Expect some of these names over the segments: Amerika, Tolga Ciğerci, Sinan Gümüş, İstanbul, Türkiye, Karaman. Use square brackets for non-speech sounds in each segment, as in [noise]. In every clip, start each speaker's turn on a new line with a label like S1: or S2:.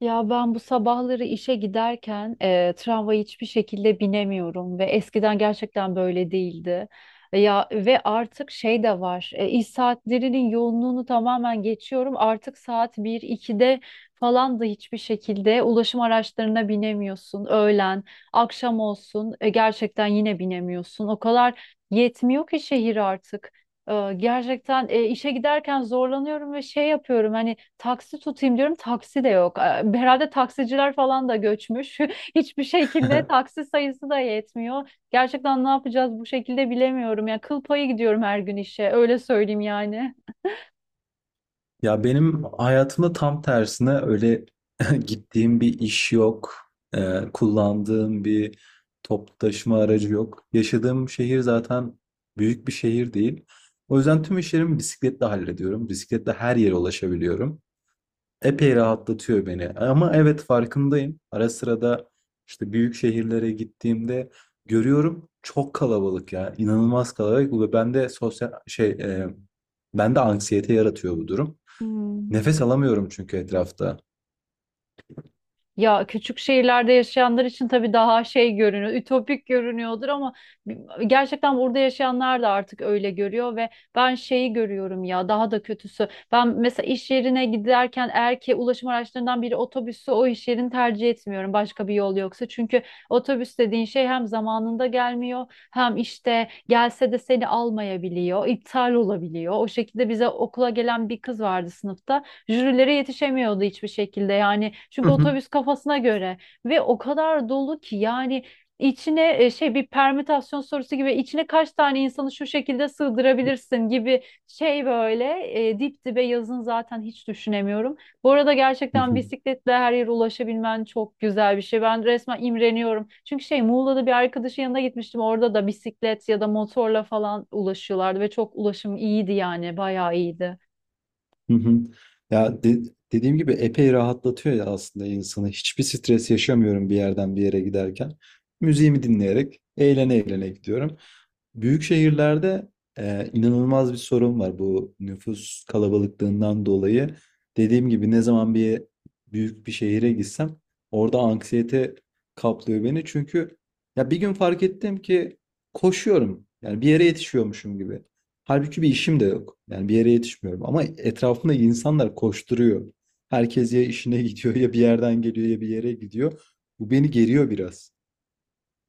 S1: Ya ben bu sabahları işe giderken tramvaya hiçbir şekilde binemiyorum ve eskiden gerçekten böyle değildi. Ya ve artık şey de var. İş saatlerinin yoğunluğunu tamamen geçiyorum. Artık saat 1-2'de falan da hiçbir şekilde ulaşım araçlarına binemiyorsun. Öğlen, akşam olsun gerçekten yine binemiyorsun. O kadar yetmiyor ki şehir artık. Gerçekten işe giderken zorlanıyorum ve şey yapıyorum, hani taksi tutayım diyorum, taksi de yok. Herhalde taksiciler falan da göçmüş. [laughs] Hiçbir şekilde
S2: [laughs]
S1: taksi sayısı da yetmiyor. Gerçekten ne yapacağız bu şekilde bilemiyorum. Ya kıl payı gidiyorum her gün işe, öyle söyleyeyim yani.
S2: Ya benim hayatımda tam tersine öyle [laughs] gittiğim bir iş yok, kullandığım bir toplu taşıma aracı yok. Yaşadığım şehir zaten büyük bir şehir değil. O yüzden tüm işlerimi bisikletle hallediyorum. Bisikletle her yere ulaşabiliyorum. Epey rahatlatıyor beni. Ama evet farkındayım. Ara sırada işte büyük şehirlere gittiğimde görüyorum çok kalabalık ya. İnanılmaz kalabalık ve bende sosyal şey e, bende anksiyete yaratıyor bu durum.
S1: Hmm.
S2: Nefes alamıyorum çünkü etrafta.
S1: Ya küçük şehirlerde yaşayanlar için tabii daha şey görünüyor, ütopik görünüyordur ama bi- gerçekten burada yaşayanlar da artık öyle görüyor ve ben şeyi görüyorum, ya daha da kötüsü. Ben mesela iş yerine giderken, eğer ki ulaşım araçlarından biri otobüsü, o iş yerini tercih etmiyorum başka bir yol yoksa. Çünkü otobüs dediğin şey hem zamanında gelmiyor, hem işte gelse de seni almayabiliyor, iptal olabiliyor. O şekilde bize okula gelen bir kız vardı sınıfta. Jürilere yetişemiyordu hiçbir şekilde yani. Çünkü
S2: Hı
S1: otobüs kafasına göre ve o kadar dolu ki yani içine şey, bir permütasyon sorusu gibi içine kaç tane insanı şu şekilde sığdırabilirsin gibi, şey böyle dip dibe, yazın zaten hiç düşünemiyorum. Bu arada gerçekten
S2: hı.
S1: bisikletle her yere ulaşabilmen çok güzel bir şey. Ben resmen imreniyorum. Çünkü şey, Muğla'da bir arkadaşın yanına gitmiştim. Orada da bisiklet ya da motorla falan ulaşıyorlardı ve çok ulaşım iyiydi, yani bayağı iyiydi.
S2: Hı hı. Ya de- Dediğim gibi epey rahatlatıyor ya aslında insanı. Hiçbir stres yaşamıyorum bir yerden bir yere giderken. Müziğimi dinleyerek eğlene eğlene gidiyorum. Büyük şehirlerde inanılmaz bir sorun var bu nüfus kalabalıklığından dolayı. Dediğim gibi ne zaman büyük bir şehire gitsem orada anksiyete kaplıyor beni. Çünkü ya bir gün fark ettim ki koşuyorum. Yani bir yere yetişiyormuşum gibi. Halbuki bir işim de yok. Yani bir yere yetişmiyorum. Ama etrafımda insanlar koşturuyor. Herkes ya işine [laughs] gidiyor ya bir yerden geliyor ya bir yere gidiyor. Bu beni geriyor biraz.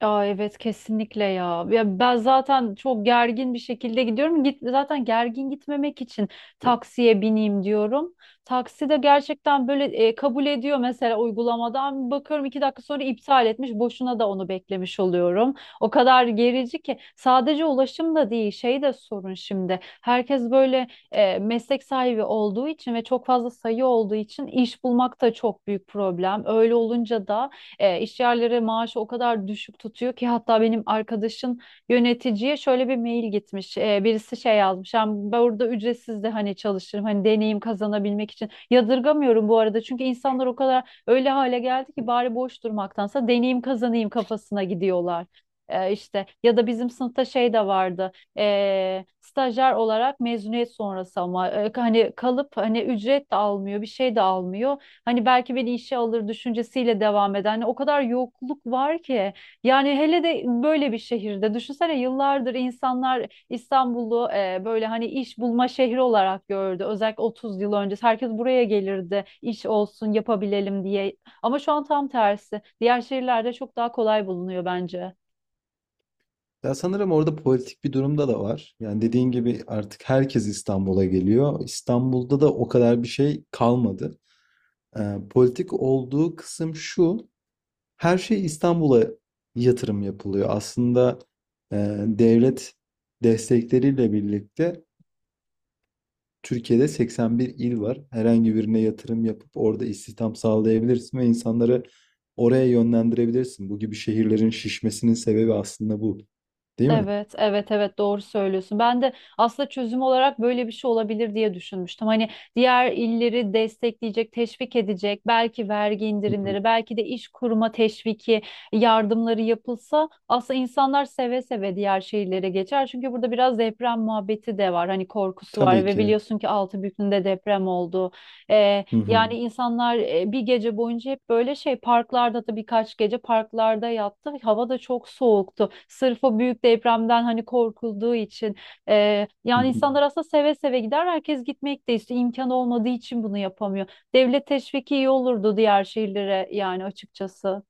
S1: Aa, evet kesinlikle ya. Ya ben zaten çok gergin bir şekilde gidiyorum. Zaten gergin gitmemek için taksiye bineyim diyorum. Taksi de gerçekten böyle kabul ediyor mesela uygulamadan. Bakıyorum iki dakika sonra iptal etmiş. Boşuna da onu beklemiş oluyorum. O kadar gerici ki, sadece ulaşım da değil, şey de sorun şimdi. Herkes böyle meslek sahibi olduğu için ve çok fazla sayı olduğu için iş bulmak da çok büyük problem. Öyle olunca da işyerleri maaşı o kadar düşük tutuyor ki, hatta benim arkadaşın yöneticiye şöyle bir mail gitmiş. Birisi şey yazmış. Yani ben burada ücretsiz de hani çalışırım. Hani deneyim kazanabilmek için. Yadırgamıyorum bu arada. Çünkü insanlar o kadar öyle hale geldi ki bari boş durmaktansa deneyim kazanayım kafasına gidiyorlar. İşte ya da bizim sınıfta şey de vardı, stajyer olarak mezuniyet sonrası, ama hani kalıp hani ücret de almıyor, bir şey de almıyor. Hani belki beni işe alır düşüncesiyle devam eden, hani o kadar yokluk var ki yani. Hele de böyle bir şehirde düşünsene, yıllardır insanlar İstanbul'u böyle hani iş bulma şehri olarak gördü. Özellikle 30 yıl önce herkes buraya gelirdi, iş olsun yapabilelim diye. Ama şu an tam tersi. Diğer şehirlerde çok daha kolay bulunuyor bence.
S2: Ya sanırım orada politik bir durumda da var. Yani dediğin gibi artık herkes İstanbul'a geliyor. İstanbul'da da o kadar bir şey kalmadı. Politik olduğu kısım şu. Her şey İstanbul'a yatırım yapılıyor. Aslında e, devlet destekleriyle birlikte Türkiye'de 81 il var. Herhangi birine yatırım yapıp orada istihdam sağlayabilirsin ve insanları oraya yönlendirebilirsin. Bu gibi şehirlerin şişmesinin sebebi aslında bu, değil mi?
S1: Evet, evet, evet, doğru söylüyorsun. Ben de aslında çözüm olarak böyle bir şey olabilir diye düşünmüştüm. Hani diğer illeri destekleyecek, teşvik edecek, belki vergi
S2: Hı hı.
S1: indirimleri, belki de iş kurma teşviki, yardımları yapılsa aslında insanlar seve seve diğer şehirlere geçer. Çünkü burada biraz deprem muhabbeti de var. Hani korkusu var
S2: Tabii
S1: ve
S2: ki.
S1: biliyorsun ki Altınbükü'nde deprem oldu.
S2: Hı hı.
S1: Yani insanlar bir gece boyunca hep böyle şey parklarda, da birkaç gece parklarda yattı. Hava da çok soğuktu. Sırf o büyük depremden hani korkulduğu için.
S2: Hı
S1: Yani
S2: hı.
S1: insanlar aslında seve seve gider. Herkes gitmek de istiyor. İmkan olmadığı için bunu yapamıyor. Devlet teşviki iyi olurdu diğer şehirlere yani, açıkçası.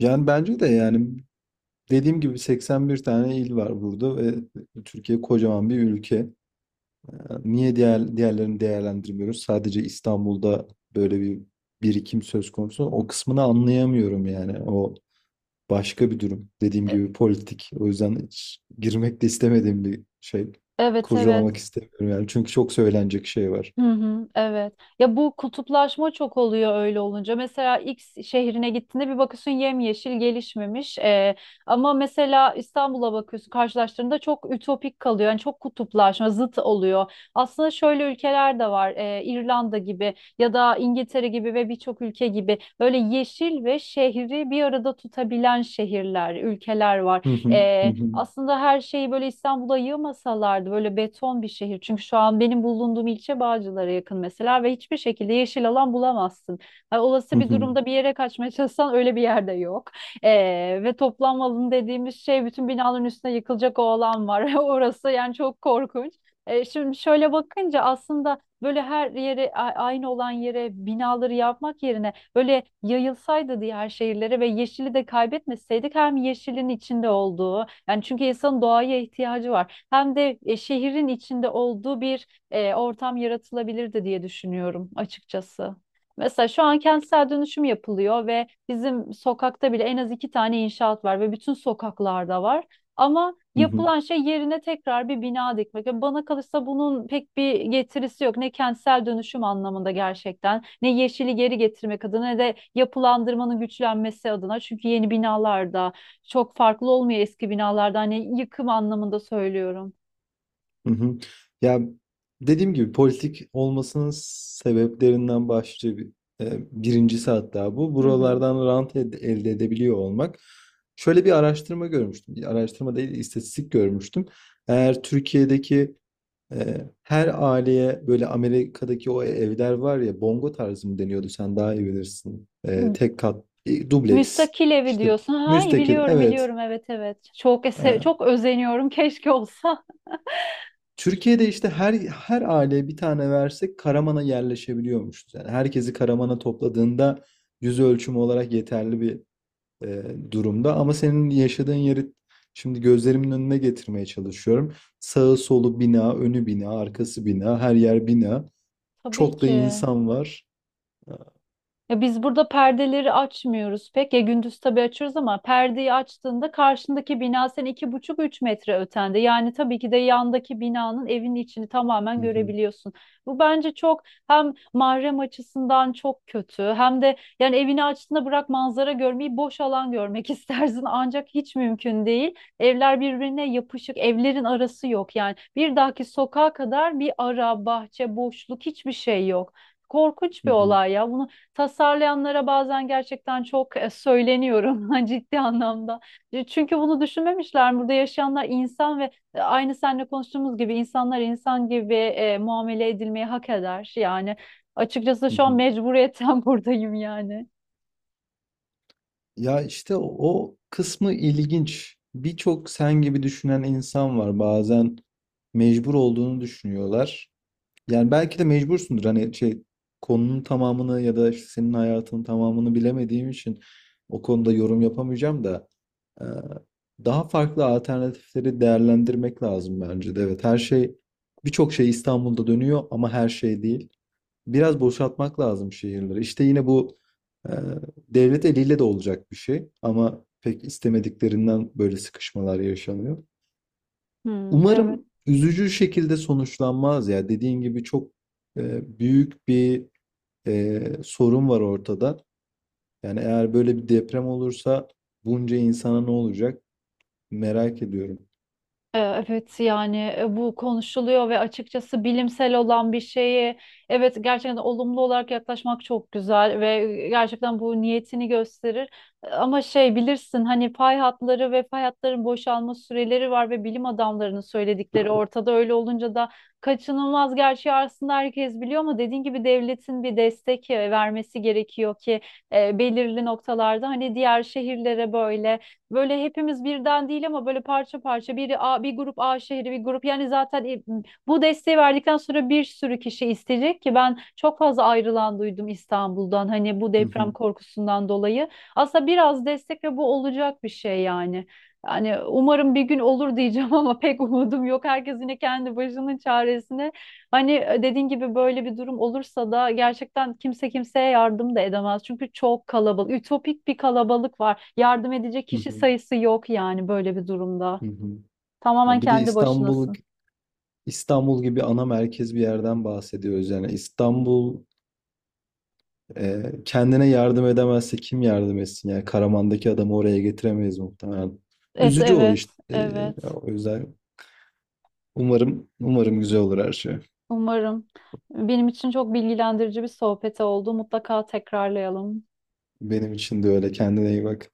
S2: Yani bence de yani dediğim gibi 81 tane il var burada ve Türkiye kocaman bir ülke. Ee, Niye diğerlerini değerlendirmiyoruz? Sadece İstanbul'da böyle bir birikim söz konusu. O kısmını anlayamıyorum yani. Başka bir durum. Dediğim
S1: E,
S2: gibi politik. O yüzden hiç girmek de istemediğim bir şey.
S1: Evet evet.
S2: Kurcalamak istemiyorum yani. Çünkü çok söylenecek şey var.
S1: Hı hı, evet. Ya bu kutuplaşma çok oluyor öyle olunca. Mesela X şehrine gittiğinde bir bakıyorsun yemyeşil, gelişmemiş. Ama mesela İstanbul'a bakıyorsun, karşılaştığında çok ütopik kalıyor. Yani çok kutuplaşma, zıt oluyor. Aslında şöyle ülkeler de var. İrlanda gibi ya da İngiltere gibi ve birçok ülke gibi, böyle yeşil ve şehri bir arada tutabilen şehirler, ülkeler var.
S2: Hı hı, hı hı,
S1: Aslında her şeyi böyle İstanbul'a yığmasalardı, böyle beton bir şehir. Çünkü şu an benim bulunduğum ilçe Bağcılar'a yakın mesela ve hiçbir şekilde yeşil alan bulamazsın. Ha,
S2: hı
S1: olası bir
S2: hı,
S1: durumda bir yere kaçmaya [laughs] çalışsan, öyle bir yerde yok. Ve toplanma alanı dediğimiz şey, bütün binaların üstüne yıkılacak o alan var. [laughs] Orası yani çok korkunç. Şimdi şöyle bakınca, aslında böyle her yere aynı olan yere binaları yapmak yerine böyle yayılsaydı diğer şehirlere ve yeşili de kaybetmeseydik, hem yeşilin içinde olduğu, yani çünkü insanın doğaya ihtiyacı var, hem de şehrin içinde olduğu bir ortam yaratılabilirdi diye düşünüyorum açıkçası. Mesela şu an kentsel dönüşüm yapılıyor ve bizim sokakta bile en az iki tane inşaat var ve bütün sokaklarda var. Ama
S2: hı hı,
S1: yapılan şey, yerine tekrar bir bina dikmek. Yani bana kalırsa bunun pek bir getirisi yok. Ne kentsel dönüşüm anlamında gerçekten, ne yeşili geri getirmek adına, ne de yapılandırmanın güçlenmesi adına. Çünkü yeni binalarda çok farklı olmuyor eski binalardan. Hani yıkım anlamında söylüyorum.
S2: hı hı. Ya dediğim gibi politik olmasının sebeplerinden birincisi hatta bu.
S1: Hı hı.
S2: Elde edebiliyor olmak. Şöyle bir araştırma görmüştüm. Bir araştırma değil, istatistik görmüştüm. Eğer Türkiye'deki Ee, her aileye böyle Amerika'daki o evler var ya bongo tarzı mı deniyordu sen daha iyi bilirsin.
S1: M-
S2: Tek kat, dubleks
S1: Müstakil evi
S2: işte
S1: diyorsun. Ha, iyi
S2: müstakil
S1: biliyorum,
S2: evet.
S1: biliyorum. Evet, evet. Çok
S2: Ee,
S1: çok özeniyorum. Keşke olsa.
S2: Türkiye'de işte her aileye bir tane versek Karaman'a yerleşebiliyormuşuz. Yani herkesi Karaman'a topladığında yüz ölçümü olarak yeterli bir e, durumda. Ama senin yaşadığın yeri şimdi gözlerimin önüne getirmeye çalışıyorum. Sağı solu bina, önü bina, arkası bina, her yer bina.
S1: [laughs] Tabii
S2: Çok da
S1: ki.
S2: insan var. Ha,
S1: Ya biz burada perdeleri açmıyoruz pek. Ya gündüz tabii açıyoruz, ama perdeyi açtığında karşındaki bina, sen iki buçuk üç metre ötende. Yani tabii ki de yandaki binanın evin içini tamamen
S2: hı hı,
S1: görebiliyorsun. Bu bence çok, hem mahrem açısından çok kötü, hem de yani evini açtığında bırak manzara görmeyi, boş alan görmek [laughs] istersin, ancak hiç mümkün değil. Evler birbirine yapışık, evlerin arası yok. Yani bir dahaki sokağa kadar bir ara, bahçe, boşluk, hiçbir şey yok. Korkunç
S2: hı
S1: bir
S2: hı,
S1: olay ya. Bunu tasarlayanlara bazen gerçekten çok söyleniyorum [laughs] ha, ciddi anlamda. Çünkü bunu düşünmemişler. Burada yaşayanlar insan ve aynı seninle konuştuğumuz gibi insanlar insan gibi muamele edilmeyi hak eder. Yani açıkçası
S2: hı
S1: şu an
S2: hı.
S1: mecburiyetten [laughs] buradayım yani.
S2: Ya işte o kısmı ilginç. Birçok sen gibi düşünen insan var. Bazen mecbur olduğunu düşünüyorlar. Yani belki de mecbursundur. Hani şey konunun tamamını ya da işte senin hayatının tamamını bilemediğim için o konuda yorum yapamayacağım da. Ee, Daha farklı alternatifleri değerlendirmek lazım bence de. Evet, her şey birçok şey İstanbul'da dönüyor ama her şey değil. Biraz boşaltmak lazım şehirleri. İşte yine bu e, devlet eliyle de olacak bir şey ama pek istemediklerinden böyle sıkışmalar yaşanıyor.
S1: Hmm, evet.
S2: Umarım üzücü şekilde sonuçlanmaz ya. Dediğin gibi çok büyük bir sorun var ortada. Yani eğer böyle bir deprem olursa bunca insana ne olacak merak ediyorum.
S1: Evet yani, bu konuşuluyor ve açıkçası bilimsel olan bir şeyi, evet, gerçekten olumlu olarak yaklaşmak çok güzel ve gerçekten bu niyetini gösterir. Ama şey, bilirsin hani pay hatları ve pay hatların boşalma süreleri var ve bilim adamlarının söyledikleri ortada, öyle olunca da kaçınılmaz gerçeği aslında herkes biliyor, ama dediğin gibi devletin bir destek vermesi gerekiyor ki belirli noktalarda, hani diğer şehirlere böyle hepimiz birden değil ama böyle parça parça, biri A, bir grup A şehri, bir grup, yani zaten bu desteği verdikten sonra bir sürü kişi isteyecek ki, ben çok fazla ayrılan duydum İstanbul'dan, hani bu
S2: Hı
S1: deprem
S2: hı,
S1: korkusundan dolayı. Aslında biraz destek ve bu olacak bir şey yani. Yani umarım bir gün olur diyeceğim [laughs] ama pek umudum yok. Herkes yine kendi başının çaresine. Hani, dediğin gibi böyle bir durum olursa da gerçekten kimse kimseye yardım da edemez. Çünkü çok kalabalık, ütopik bir kalabalık var. Yardım edecek
S2: hı
S1: kişi
S2: hı,
S1: sayısı yok yani böyle bir durumda.
S2: hı hı.
S1: Tamamen
S2: Ya bir de
S1: kendi başınasın.
S2: İstanbul gibi ana merkez bir yerden bahsediyoruz. Yani İstanbul kendine yardım edemezse kim yardım etsin? Yani Karaman'daki adamı oraya getiremeyiz muhtemelen.
S1: Evet,
S2: Üzücü o
S1: evet,
S2: işte. E,
S1: evet.
S2: o yüzden umarım güzel olur her şey.
S1: Umarım. Benim için çok bilgilendirici bir sohbet oldu. Mutlaka tekrarlayalım.
S2: Benim için de öyle. Kendine iyi bak.